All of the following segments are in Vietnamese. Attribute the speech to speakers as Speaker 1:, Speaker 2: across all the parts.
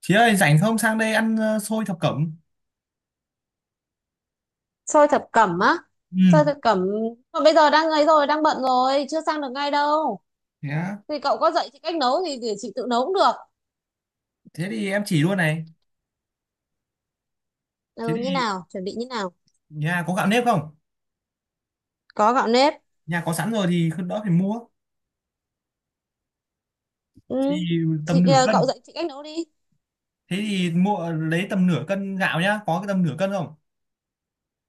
Speaker 1: Chị ơi rảnh không sang đây ăn xôi thập cẩm.
Speaker 2: Xôi thập cẩm á?
Speaker 1: Ừ,
Speaker 2: Xôi thập cẩm mà bây giờ đang ấy rồi, đang bận rồi, chưa sang được ngay đâu.
Speaker 1: thế á.
Speaker 2: Thì cậu có dạy chị cách nấu thì để chị tự nấu cũng được.
Speaker 1: Thế thì em chỉ luôn này. Thế
Speaker 2: Ừ, như
Speaker 1: thì
Speaker 2: nào, chuẩn bị như nào?
Speaker 1: nhà có gạo nếp không?
Speaker 2: Có gạo nếp.
Speaker 1: Nhà có sẵn rồi thì không đỡ phải mua.
Speaker 2: Ừ,
Speaker 1: Thì
Speaker 2: thì
Speaker 1: tầm nửa
Speaker 2: kìa, cậu
Speaker 1: cân.
Speaker 2: dạy chị cách nấu đi.
Speaker 1: Thế thì mua lấy tầm nửa cân gạo nhá. Có cái tầm nửa cân không?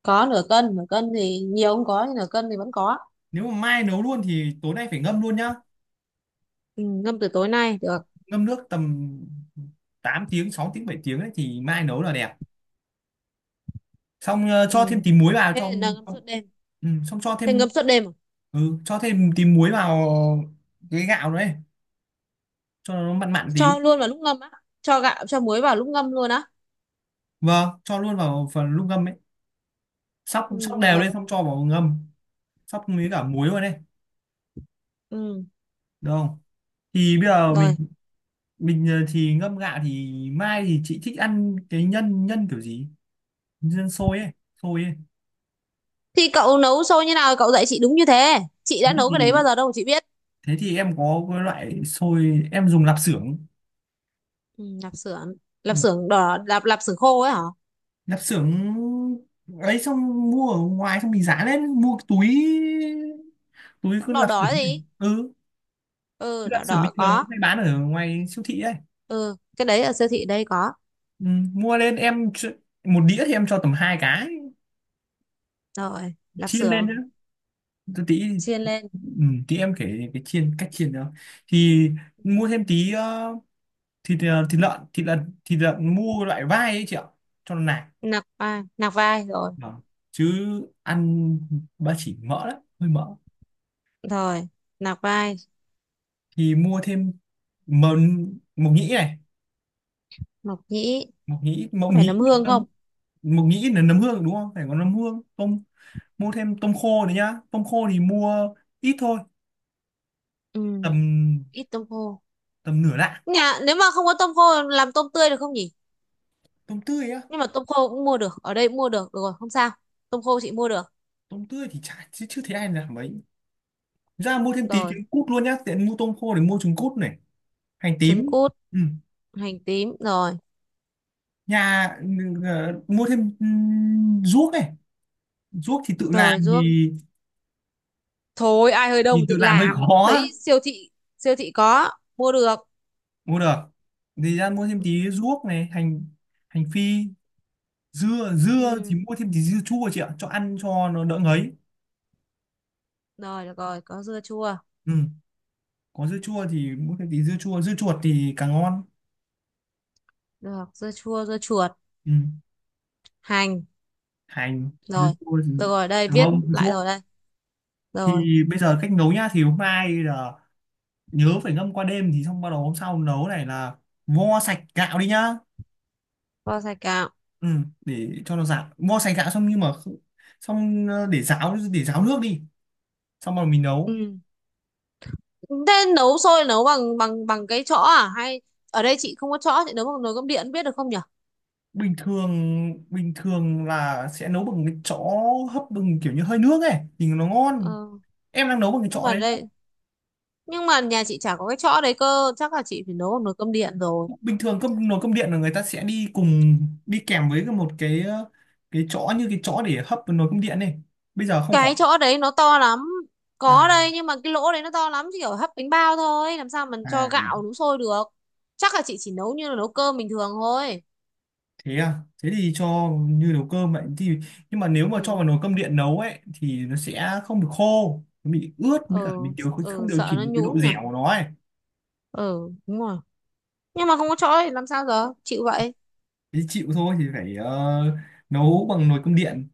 Speaker 2: Có. Nửa cân nửa cân thì nhiều không có, nhưng nửa cân thì vẫn có.
Speaker 1: Nếu mà mai nấu luôn thì tối nay phải ngâm luôn nhá.
Speaker 2: Ừ, ngâm từ tối nay được.
Speaker 1: Ngâm nước tầm 8 tiếng, 6 tiếng, 7 tiếng ấy, thì mai nấu là đẹp. Xong
Speaker 2: Ừ.
Speaker 1: cho thêm tí muối vào cho.
Speaker 2: Thế là ngâm suốt đêm.
Speaker 1: Ừ, Xong cho
Speaker 2: Thế ngâm
Speaker 1: thêm,
Speaker 2: suốt đêm à?
Speaker 1: cho thêm tí muối vào cái gạo đấy cho nó mặn mặn tí.
Speaker 2: Cho luôn vào lúc ngâm á? Cho gạo, cho muối vào lúc ngâm luôn á?
Speaker 1: Vâng, cho luôn vào phần lúc ngâm ấy, sóc
Speaker 2: Ừ,
Speaker 1: sóc
Speaker 2: được
Speaker 1: đều
Speaker 2: rồi.
Speaker 1: lên xong cho vào ngâm, sóc với cả muối vào đây,
Speaker 2: Ừ.
Speaker 1: được không? Thì bây giờ
Speaker 2: Rồi.
Speaker 1: mình thì ngâm gạo thì mai thì chị thích ăn cái nhân nhân kiểu gì, nhân sôi ấy, sôi ấy.
Speaker 2: Thì cậu nấu xôi như nào cậu dạy chị, đúng như thế, chị
Speaker 1: thế
Speaker 2: đã nấu cái đấy
Speaker 1: thì
Speaker 2: bao giờ đâu mà chị biết.
Speaker 1: Thế thì em có cái loại sôi em dùng lạp xưởng.
Speaker 2: Ừ, lạp xưởng.
Speaker 1: Ừ,
Speaker 2: Lạp xưởng đỏ, lạp lạp xưởng khô ấy hả?
Speaker 1: lạp xưởng ấy, xong mua ở ngoài, xong mình giá lên mua cái túi, túi cứ
Speaker 2: Đỏ
Speaker 1: lạp
Speaker 2: đỏ
Speaker 1: xưởng ấy.
Speaker 2: gì?
Speaker 1: Ừ, cái
Speaker 2: Ừ,
Speaker 1: lạp
Speaker 2: đỏ
Speaker 1: xưởng
Speaker 2: đỏ
Speaker 1: bình thường nó
Speaker 2: có.
Speaker 1: hay bán ở ngoài siêu thị ấy.
Speaker 2: Ừ, cái đấy ở siêu thị đây có.
Speaker 1: Ừ, mua lên một đĩa thì em cho tầm hai cái,
Speaker 2: Rồi, lạp
Speaker 1: chiên lên
Speaker 2: xưởng
Speaker 1: nữa tí.
Speaker 2: chiên lên.
Speaker 1: Ừ, tí em kể cái cách chiên đó. Thì mua thêm tí thịt, thịt lợn, thịt lợn mua loại vai ấy chị ạ, cho nó nạc.
Speaker 2: Nạc vai. Nạc vai rồi.
Speaker 1: Vâng, chứ ăn ba chỉ mỡ lắm, hơi mỡ.
Speaker 2: Rồi, nạc vai.
Speaker 1: Thì mua thêm, mờ, mộc nhĩ này,
Speaker 2: Mộc nhĩ.
Speaker 1: mộc nhĩ mộc
Speaker 2: Có phải
Speaker 1: nhĩ
Speaker 2: nấm hương không?
Speaker 1: nấm- Mộc nhĩ là nấm hương đúng không, phải có nấm hương, tôm, mua thêm tôm khô nữa nhá. Tôm khô thì mua ít thôi,
Speaker 2: Ừ.
Speaker 1: tầm,
Speaker 2: Ít tôm khô.
Speaker 1: tầm nửa lạng.
Speaker 2: Nhà nếu mà không có tôm khô, làm tôm tươi được không nhỉ?
Speaker 1: Tôm tươi á?
Speaker 2: Nhưng mà tôm khô cũng mua được, ở đây cũng mua được, được rồi không sao. Tôm khô chị mua được.
Speaker 1: Tôm tươi thì chả, chứ chưa thấy ai làm mấy. Ra mua thêm tí
Speaker 2: Rồi,
Speaker 1: trứng cút luôn nhá, tiện mua tôm khô để mua trứng cút này, hành
Speaker 2: trứng
Speaker 1: tím.
Speaker 2: cút.
Speaker 1: Ừ.
Speaker 2: Hành tím rồi.
Speaker 1: Nhà, mua thêm, ruốc này, ruốc thì tự
Speaker 2: Rồi,
Speaker 1: làm
Speaker 2: ruốc.
Speaker 1: thì
Speaker 2: Thôi ai hơi
Speaker 1: thì
Speaker 2: đông
Speaker 1: tự
Speaker 2: tự
Speaker 1: làm hơi
Speaker 2: làm,
Speaker 1: khó á.
Speaker 2: đấy siêu thị. Siêu thị có. Mua được.
Speaker 1: Mua được thì ra mua thêm tí ruốc này, hành, hành phi, dưa, dưa thì
Speaker 2: Ừ.
Speaker 1: mua thêm tí dưa chua chị ạ, cho ăn cho nó đỡ ngấy.
Speaker 2: Rồi, được rồi, có dưa chua.
Speaker 1: Ừ. Có dưa chua thì mua thêm tí dưa chua, dưa chuột thì càng ngon.
Speaker 2: Được, dưa chua, dưa chuột.
Speaker 1: Ừ,
Speaker 2: Hành.
Speaker 1: hành, dưa
Speaker 2: Rồi,
Speaker 1: cua thì
Speaker 2: được rồi, đây
Speaker 1: mông,
Speaker 2: viết
Speaker 1: bông
Speaker 2: lại
Speaker 1: ruốc.
Speaker 2: rồi đây. Rồi.
Speaker 1: Thì bây giờ cách nấu nhá, thì hôm nay là nhớ phải ngâm qua đêm, thì xong bắt đầu hôm sau nấu này là vo sạch gạo đi nhá.
Speaker 2: Kho sài gạo.
Speaker 1: Ừ, để cho nó ráo, vo sạch gạo xong nhưng xong để ráo, để ráo nước đi, xong rồi mình nấu.
Speaker 2: Ừ. Thế nấu sôi nấu bằng bằng bằng cái chõ à, hay ở đây chị không có chõ, chị nấu bằng nồi cơm điện biết được không nhỉ?
Speaker 1: bình thường Bình thường là sẽ nấu bằng cái chõ, hấp bằng kiểu như hơi nước ấy thì nó
Speaker 2: Ờ.
Speaker 1: ngon. Em đang nấu bằng cái
Speaker 2: Nhưng
Speaker 1: chõ
Speaker 2: mà
Speaker 1: đấy.
Speaker 2: đây, nhưng mà nhà chị chả có cái chõ đấy cơ, chắc là chị phải nấu bằng nồi cơm điện rồi.
Speaker 1: Bình thường cơm, nồi cơm điện là người ta sẽ đi cùng, đi kèm với một cái cái chõ, như cái chõ để hấp nồi cơm điện này, bây giờ không có.
Speaker 2: Cái chỗ đấy nó to lắm.
Speaker 1: À,
Speaker 2: Có đây, nhưng mà cái lỗ đấy nó to lắm, chỉ kiểu hấp bánh bao thôi, làm sao mình
Speaker 1: à,
Speaker 2: cho gạo nấu sôi được. Chắc là chị chỉ nấu như là nấu cơm bình thường thôi.
Speaker 1: thế à, thế thì cho như nấu cơm vậy thì. Nhưng mà nếu mà cho
Speaker 2: Ừ.
Speaker 1: vào nồi cơm điện nấu ấy thì nó sẽ không được khô, nó bị ướt, với cả
Speaker 2: ừ,
Speaker 1: mình điều, không
Speaker 2: ừ,
Speaker 1: điều
Speaker 2: sợ
Speaker 1: chỉnh
Speaker 2: nó
Speaker 1: được cái độ
Speaker 2: nhũn nhỉ.
Speaker 1: dẻo của nó ấy.
Speaker 2: Ừ, đúng rồi. Nhưng mà không có chỗ thì làm sao giờ, chịu vậy.
Speaker 1: Thế chịu thôi, thì phải nấu bằng nồi cơm điện.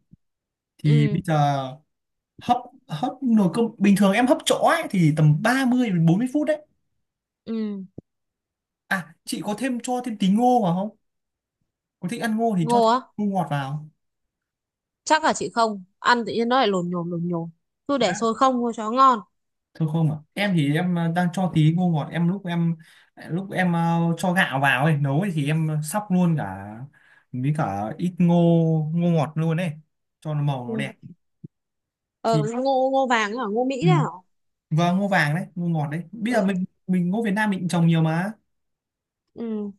Speaker 1: Thì bây
Speaker 2: Ừ.
Speaker 1: giờ hấp, hấp nồi cơm bình thường, em hấp chõ ấy thì tầm 30 đến 40 phút đấy.
Speaker 2: Ừ.
Speaker 1: À, chị có thêm, cho thêm tí ngô vào không? Có thích ăn ngô thì cho
Speaker 2: Ngô
Speaker 1: thêm
Speaker 2: á?
Speaker 1: ngô ngọt vào.
Speaker 2: Chắc là chị không ăn, tự nhiên nó lại lồn nhồn lồn nhồn. Cứ để
Speaker 1: Đã.
Speaker 2: sôi không thôi cho nó ngon.
Speaker 1: Thôi không à? Em thì em đang cho tí ngô ngọt, em lúc em, lúc em cho gạo vào ấy, nấu ấy, thì em sóc luôn cả với cả ít ngô, ngô ngọt luôn ấy, cho nó màu nó
Speaker 2: Ừ.
Speaker 1: đẹp.
Speaker 2: Ờ,
Speaker 1: Thì
Speaker 2: ngô, ngô vàng ấy hả, ngô Mỹ
Speaker 1: ừ.
Speaker 2: đấy hả?
Speaker 1: Và ngô vàng đấy, ngô ngọt đấy. Bây giờ
Speaker 2: Ừ.
Speaker 1: mình ngô Việt Nam mình cũng trồng nhiều mà.
Speaker 2: Ừ.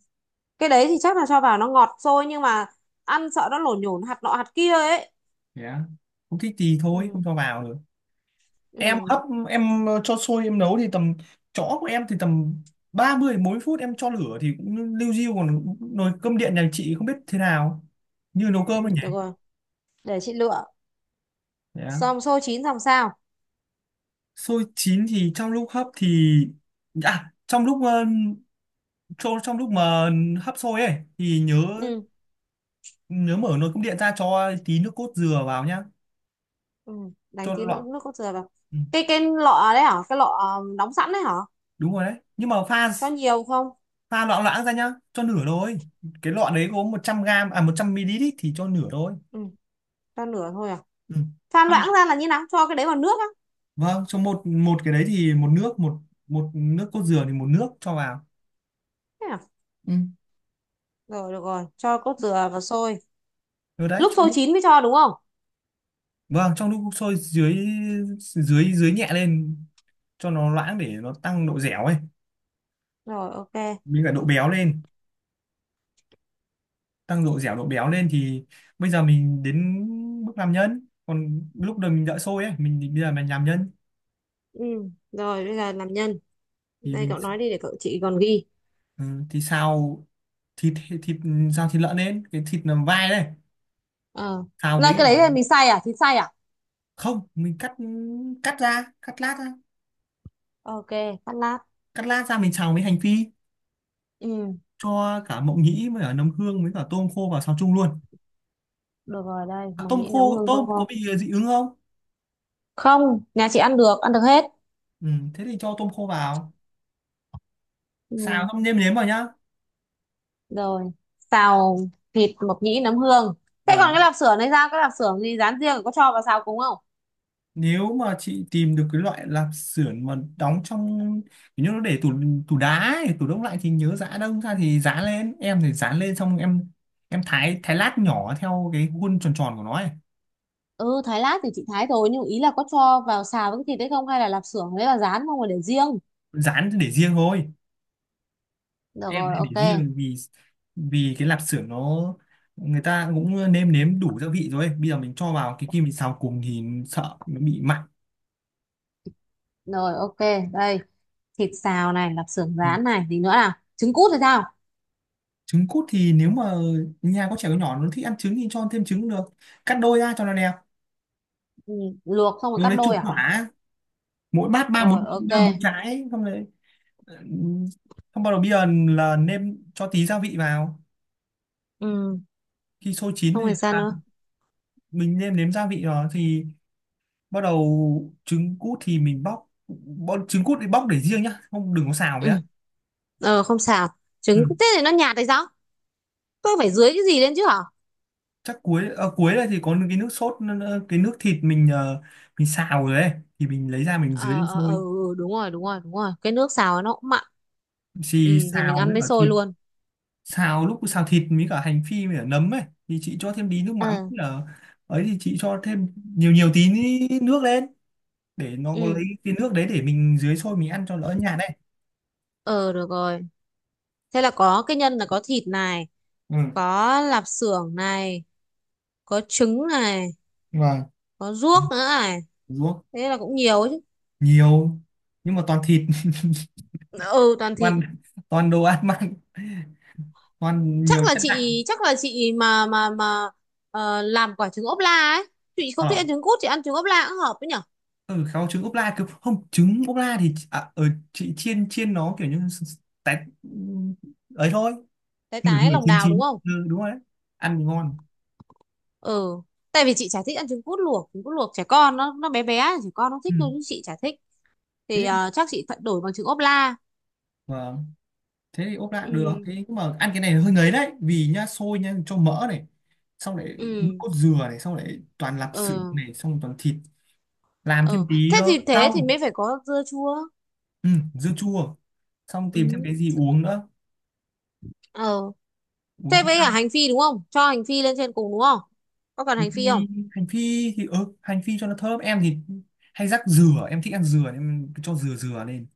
Speaker 2: Cái đấy thì chắc là cho vào nó ngọt thôi, nhưng mà ăn sợ nó lổn nhổn, hạt nọ hạt kia ấy.
Speaker 1: Yeah. Không thích thì thôi,
Speaker 2: Ừ.
Speaker 1: không cho vào được. Em
Speaker 2: Ừ.
Speaker 1: hấp, em cho sôi em nấu thì tầm, chõ của em thì tầm 30 đến 40 phút, em cho lửa thì cũng liu riu, còn nồi cơm điện nhà chị không biết thế nào, như nấu
Speaker 2: Ừ,
Speaker 1: cơm thôi nhỉ.
Speaker 2: được rồi, để chị lựa.
Speaker 1: Yeah.
Speaker 2: Xong xôi chín xong sao?
Speaker 1: Sôi chín thì trong lúc hấp thì, à trong lúc cho trong lúc mà hấp sôi ấy thì nhớ,
Speaker 2: Ừ.
Speaker 1: nhớ mở nồi cơm điện ra cho tí nước cốt dừa vào nhá,
Speaker 2: Ừ, đánh
Speaker 1: cho
Speaker 2: tí nữa
Speaker 1: loãng.
Speaker 2: nước cốt dừa vào.
Speaker 1: Ừ,
Speaker 2: Cái lọ đấy hả, cái lọ đóng sẵn đấy hả?
Speaker 1: đúng rồi đấy, nhưng mà pha,
Speaker 2: Cho nhiều không?
Speaker 1: pha loãng loãng ra nhá, cho nửa thôi. Cái lọ đấy có 100 gram, à 100 ml ý, thì cho nửa thôi.
Speaker 2: Ừ, cho nửa thôi à?
Speaker 1: Ừ.
Speaker 2: Pha loãng ra là như nào, cho cái đấy vào nước á?
Speaker 1: Vâng, cho một, một cái đấy thì một nước một một nước cốt dừa thì một nước cho vào.
Speaker 2: Thế à?
Speaker 1: Ừ.
Speaker 2: Rồi, được rồi, cho cốt dừa vào xôi.
Speaker 1: Rồi đấy,
Speaker 2: Lúc
Speaker 1: trong
Speaker 2: xôi
Speaker 1: lúc,
Speaker 2: chín mới cho đúng không?
Speaker 1: vâng, trong lúc sôi dưới, dưới nhẹ lên cho nó loãng để nó tăng độ dẻo ấy,
Speaker 2: Rồi, ok.
Speaker 1: với cả độ béo lên, tăng độ dẻo độ béo lên, thì bây giờ mình đến bước làm nhân. Còn lúc đầu mình đợi sôi ấy, bây giờ mình làm nhân.
Speaker 2: Ừ. Rồi, bây giờ làm nhân.
Speaker 1: Thì
Speaker 2: Đây
Speaker 1: mình,
Speaker 2: cậu nói đi để chị còn ghi.
Speaker 1: ừ, thì xào thịt, thịt xào thịt lợn lên, cái thịt làm vai đây,
Speaker 2: Ờ,
Speaker 1: xào
Speaker 2: là
Speaker 1: với
Speaker 2: cái
Speaker 1: cả,
Speaker 2: đấy là mình xay à, thịt xay à?
Speaker 1: không, mình cắt, cắt ra, cắt lát ra.
Speaker 2: Ok, cắt lát.
Speaker 1: Cắt lát ra mình xào với hành phi,
Speaker 2: Ừ,
Speaker 1: cho cả mộng nhĩ với cả nấm hương với cả tôm khô vào xào chung luôn.
Speaker 2: được rồi đây,
Speaker 1: À,
Speaker 2: mỏng
Speaker 1: tôm
Speaker 2: nhĩ, nấm
Speaker 1: khô,
Speaker 2: hương. Không,
Speaker 1: tôm có
Speaker 2: không,
Speaker 1: bị dị ứng không?
Speaker 2: không, nhà chị ăn được, ăn được hết.
Speaker 1: Ừ, thế thì cho tôm khô vào,
Speaker 2: Ừ.
Speaker 1: xào xong nêm nếm vào nhá.
Speaker 2: Rồi. Xào thịt, mộc nhĩ, nấm hương. Thế còn cái
Speaker 1: Vâng.
Speaker 2: lạp xưởng này, ra cái lạp xưởng gì rán riêng, có cho vào xào cùng không?
Speaker 1: Nếu mà chị tìm được cái loại lạp xưởng mà đóng trong, kiểu như nó để tủ, tủ đá ấy, tủ đông lạnh, thì nhớ giã đông ra, thì giã lên, em thì dán lên xong em thái, thái lát nhỏ theo cái khuôn tròn tròn của nó ấy.
Speaker 2: Ừ, thái lát thì chị thái rồi, nhưng ý là có cho vào xào với cái thịt đấy không, hay là lạp xưởng đấy là rán không mà để riêng?
Speaker 1: Dán để riêng thôi,
Speaker 2: Được
Speaker 1: em
Speaker 2: rồi,
Speaker 1: hay
Speaker 2: ok.
Speaker 1: để riêng vì, vì cái lạp xưởng nó, người ta cũng nêm nếm đủ gia vị rồi ấy, bây giờ mình cho vào cái kim mình xào cùng thì sợ nó bị mặn.
Speaker 2: Rồi, ok. Đây, thịt xào này, lạp xưởng
Speaker 1: Ừ.
Speaker 2: rán này, gì nữa nào, trứng cút thì sao?
Speaker 1: Trứng cút thì nếu mà nhà có trẻ con nhỏ nó thích ăn trứng thì cho thêm trứng được, cắt đôi ra cho nó đẹp.
Speaker 2: Ừ, luộc xong rồi
Speaker 1: Rồi
Speaker 2: cắt
Speaker 1: lấy
Speaker 2: đôi
Speaker 1: chục
Speaker 2: à?
Speaker 1: quả, mỗi bát ba
Speaker 2: Rồi,
Speaker 1: bốn,
Speaker 2: ok.
Speaker 1: ba bốn trái xong rồi. Ừ, xong bắt đầu bây giờ là nêm cho tí gia vị vào,
Speaker 2: Ừ,
Speaker 1: khi sôi chín
Speaker 2: không phải
Speaker 1: thì
Speaker 2: sao
Speaker 1: à,
Speaker 2: nữa?
Speaker 1: mình nêm nếm gia vị rồi thì bắt đầu trứng cút thì mình bóc, bọn trứng cút thì bóc để riêng nhá, không đừng có xào
Speaker 2: Ừ.
Speaker 1: nhá.
Speaker 2: Ờ, không sao.
Speaker 1: Ừ.
Speaker 2: Trứng thế thì nó nhạt hay sao? Tôi phải dưới cái gì lên chứ hả?
Speaker 1: Chắc cuối, à cuối đây thì có cái nước sốt, cái nước thịt mình mình xào rồi đấy, thì mình lấy ra mình dưới
Speaker 2: ờ
Speaker 1: lên
Speaker 2: ờ ờ
Speaker 1: sôi.
Speaker 2: ừ, đúng rồi, đúng rồi, đúng rồi, cái nước xào nó cũng mặn.
Speaker 1: Thì
Speaker 2: Ừ, thì mình
Speaker 1: xào
Speaker 2: ăn
Speaker 1: với
Speaker 2: với
Speaker 1: cả
Speaker 2: xôi
Speaker 1: thịt,
Speaker 2: luôn.
Speaker 1: xào lúc xào thịt với cả hành phi với cả nấm ấy, thì chị cho thêm tí nước mắm
Speaker 2: Ờ.
Speaker 1: với cả, ấy thì chị cho thêm nhiều nhiều tí nước lên, để nó có,
Speaker 2: Ừ.
Speaker 1: lấy cái nước đấy để mình dưới sôi mình ăn cho đỡ nhạt đấy.
Speaker 2: Ờ, được rồi. Thế là có cái nhân là có thịt này,
Speaker 1: Ừ.
Speaker 2: có lạp xưởng này, có trứng này,
Speaker 1: Vâng.
Speaker 2: có ruốc nữa này.
Speaker 1: Đúng.
Speaker 2: Thế là cũng nhiều ấy chứ.
Speaker 1: Nhiều, nhưng mà toàn thịt,
Speaker 2: Ừ, toàn thịt.
Speaker 1: toàn toàn đồ ăn mặn, toàn
Speaker 2: Chắc
Speaker 1: nhiều
Speaker 2: là
Speaker 1: chất.
Speaker 2: chị, chắc là chị mà ờ, làm quả trứng ốp la ấy. Chị không thích ăn
Speaker 1: Ở,
Speaker 2: trứng cút, chị ăn trứng ốp la cũng hợp ấy nhỉ?
Speaker 1: ừ, kháu trứng ốp la, cứ không trứng ốp la thì à, ở chị chiên, chiên nó kiểu như tét ấy thôi.
Speaker 2: Tái
Speaker 1: Nửa
Speaker 2: tái
Speaker 1: nửa
Speaker 2: lòng
Speaker 1: chín
Speaker 2: đào đúng
Speaker 1: chín,
Speaker 2: không?
Speaker 1: ừ, đúng rồi đấy, ăn thì ngon.
Speaker 2: Ừ, tại vì chị chả thích ăn trứng cút luộc, trứng cút luộc trẻ con nó bé bé trẻ con nó
Speaker 1: Ừ.
Speaker 2: thích thôi, chứ chị chả thích. Thì
Speaker 1: Thế,
Speaker 2: ờ, chắc chị phải đổi bằng trứng ốp la.
Speaker 1: vâng, thế thì ốp la được,
Speaker 2: Ừ.
Speaker 1: thế nhưng mà ăn cái này hơi ngấy đấy, vì nhá, sôi nhá, cho mỡ này, xong lại nước
Speaker 2: ừ
Speaker 1: cốt dừa này, xong lại toàn lạp xưởng
Speaker 2: ừ
Speaker 1: này, xong toàn thịt. Làm thêm
Speaker 2: ừ,
Speaker 1: tí
Speaker 2: thế thì, thế thì
Speaker 1: rau.
Speaker 2: mới phải có dưa chua.
Speaker 1: Ừ, dưa chua, xong
Speaker 2: Ừ.
Speaker 1: tìm thêm cái gì uống nữa,
Speaker 2: Ờ,
Speaker 1: uống
Speaker 2: thế
Speaker 1: cũng.
Speaker 2: với cả hành phi đúng không, cho hành phi lên trên cùng đúng không? Có cần
Speaker 1: Hành
Speaker 2: hành phi
Speaker 1: phi,
Speaker 2: không?
Speaker 1: thì ừ, hành phi cho nó thơm, em thì hay rắc dừa, em thích ăn dừa nên em cho dừa, lên,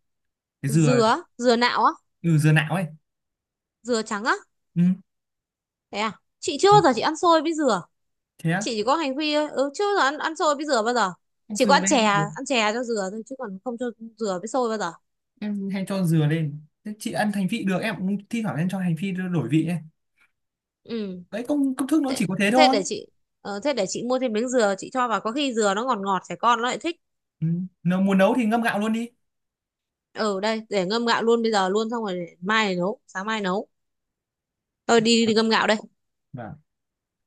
Speaker 1: cái dừa.
Speaker 2: Dừa, dừa nạo á?
Speaker 1: Ừ, dừa nạo ấy.
Speaker 2: Dừa trắng á?
Speaker 1: Ừ.
Speaker 2: Thế à? Chị chưa bao giờ chị ăn xôi với dừa.
Speaker 1: Thế á,
Speaker 2: Chị chỉ có hành phi thôi, ừ chứ giờ ăn, ăn xôi với dừa bao giờ.
Speaker 1: cho
Speaker 2: Chỉ có
Speaker 1: dừa
Speaker 2: ăn chè,
Speaker 1: lên được.
Speaker 2: ăn chè cho dừa thôi, chứ còn không cho dừa với xôi bao giờ.
Speaker 1: Em hay cho dừa lên, thế chị ăn hành phi được, em cũng thi thoảng em cho hành phi đổi vị ấy.
Speaker 2: Ừ,
Speaker 1: Đấy, công công thức nó
Speaker 2: thế,
Speaker 1: chỉ có thế
Speaker 2: thế
Speaker 1: thôi.
Speaker 2: để chị thế để chị mua thêm miếng dừa chị cho vào, có khi dừa nó ngọt ngọt trẻ con nó lại thích.
Speaker 1: Ừ. Nếu muốn nấu thì ngâm gạo luôn đi.
Speaker 2: Ừ, đây để ngâm gạo luôn bây giờ luôn, xong rồi để mai nấu, sáng mai nấu. Tôi đi, đi ngâm gạo đây.
Speaker 1: Vâng.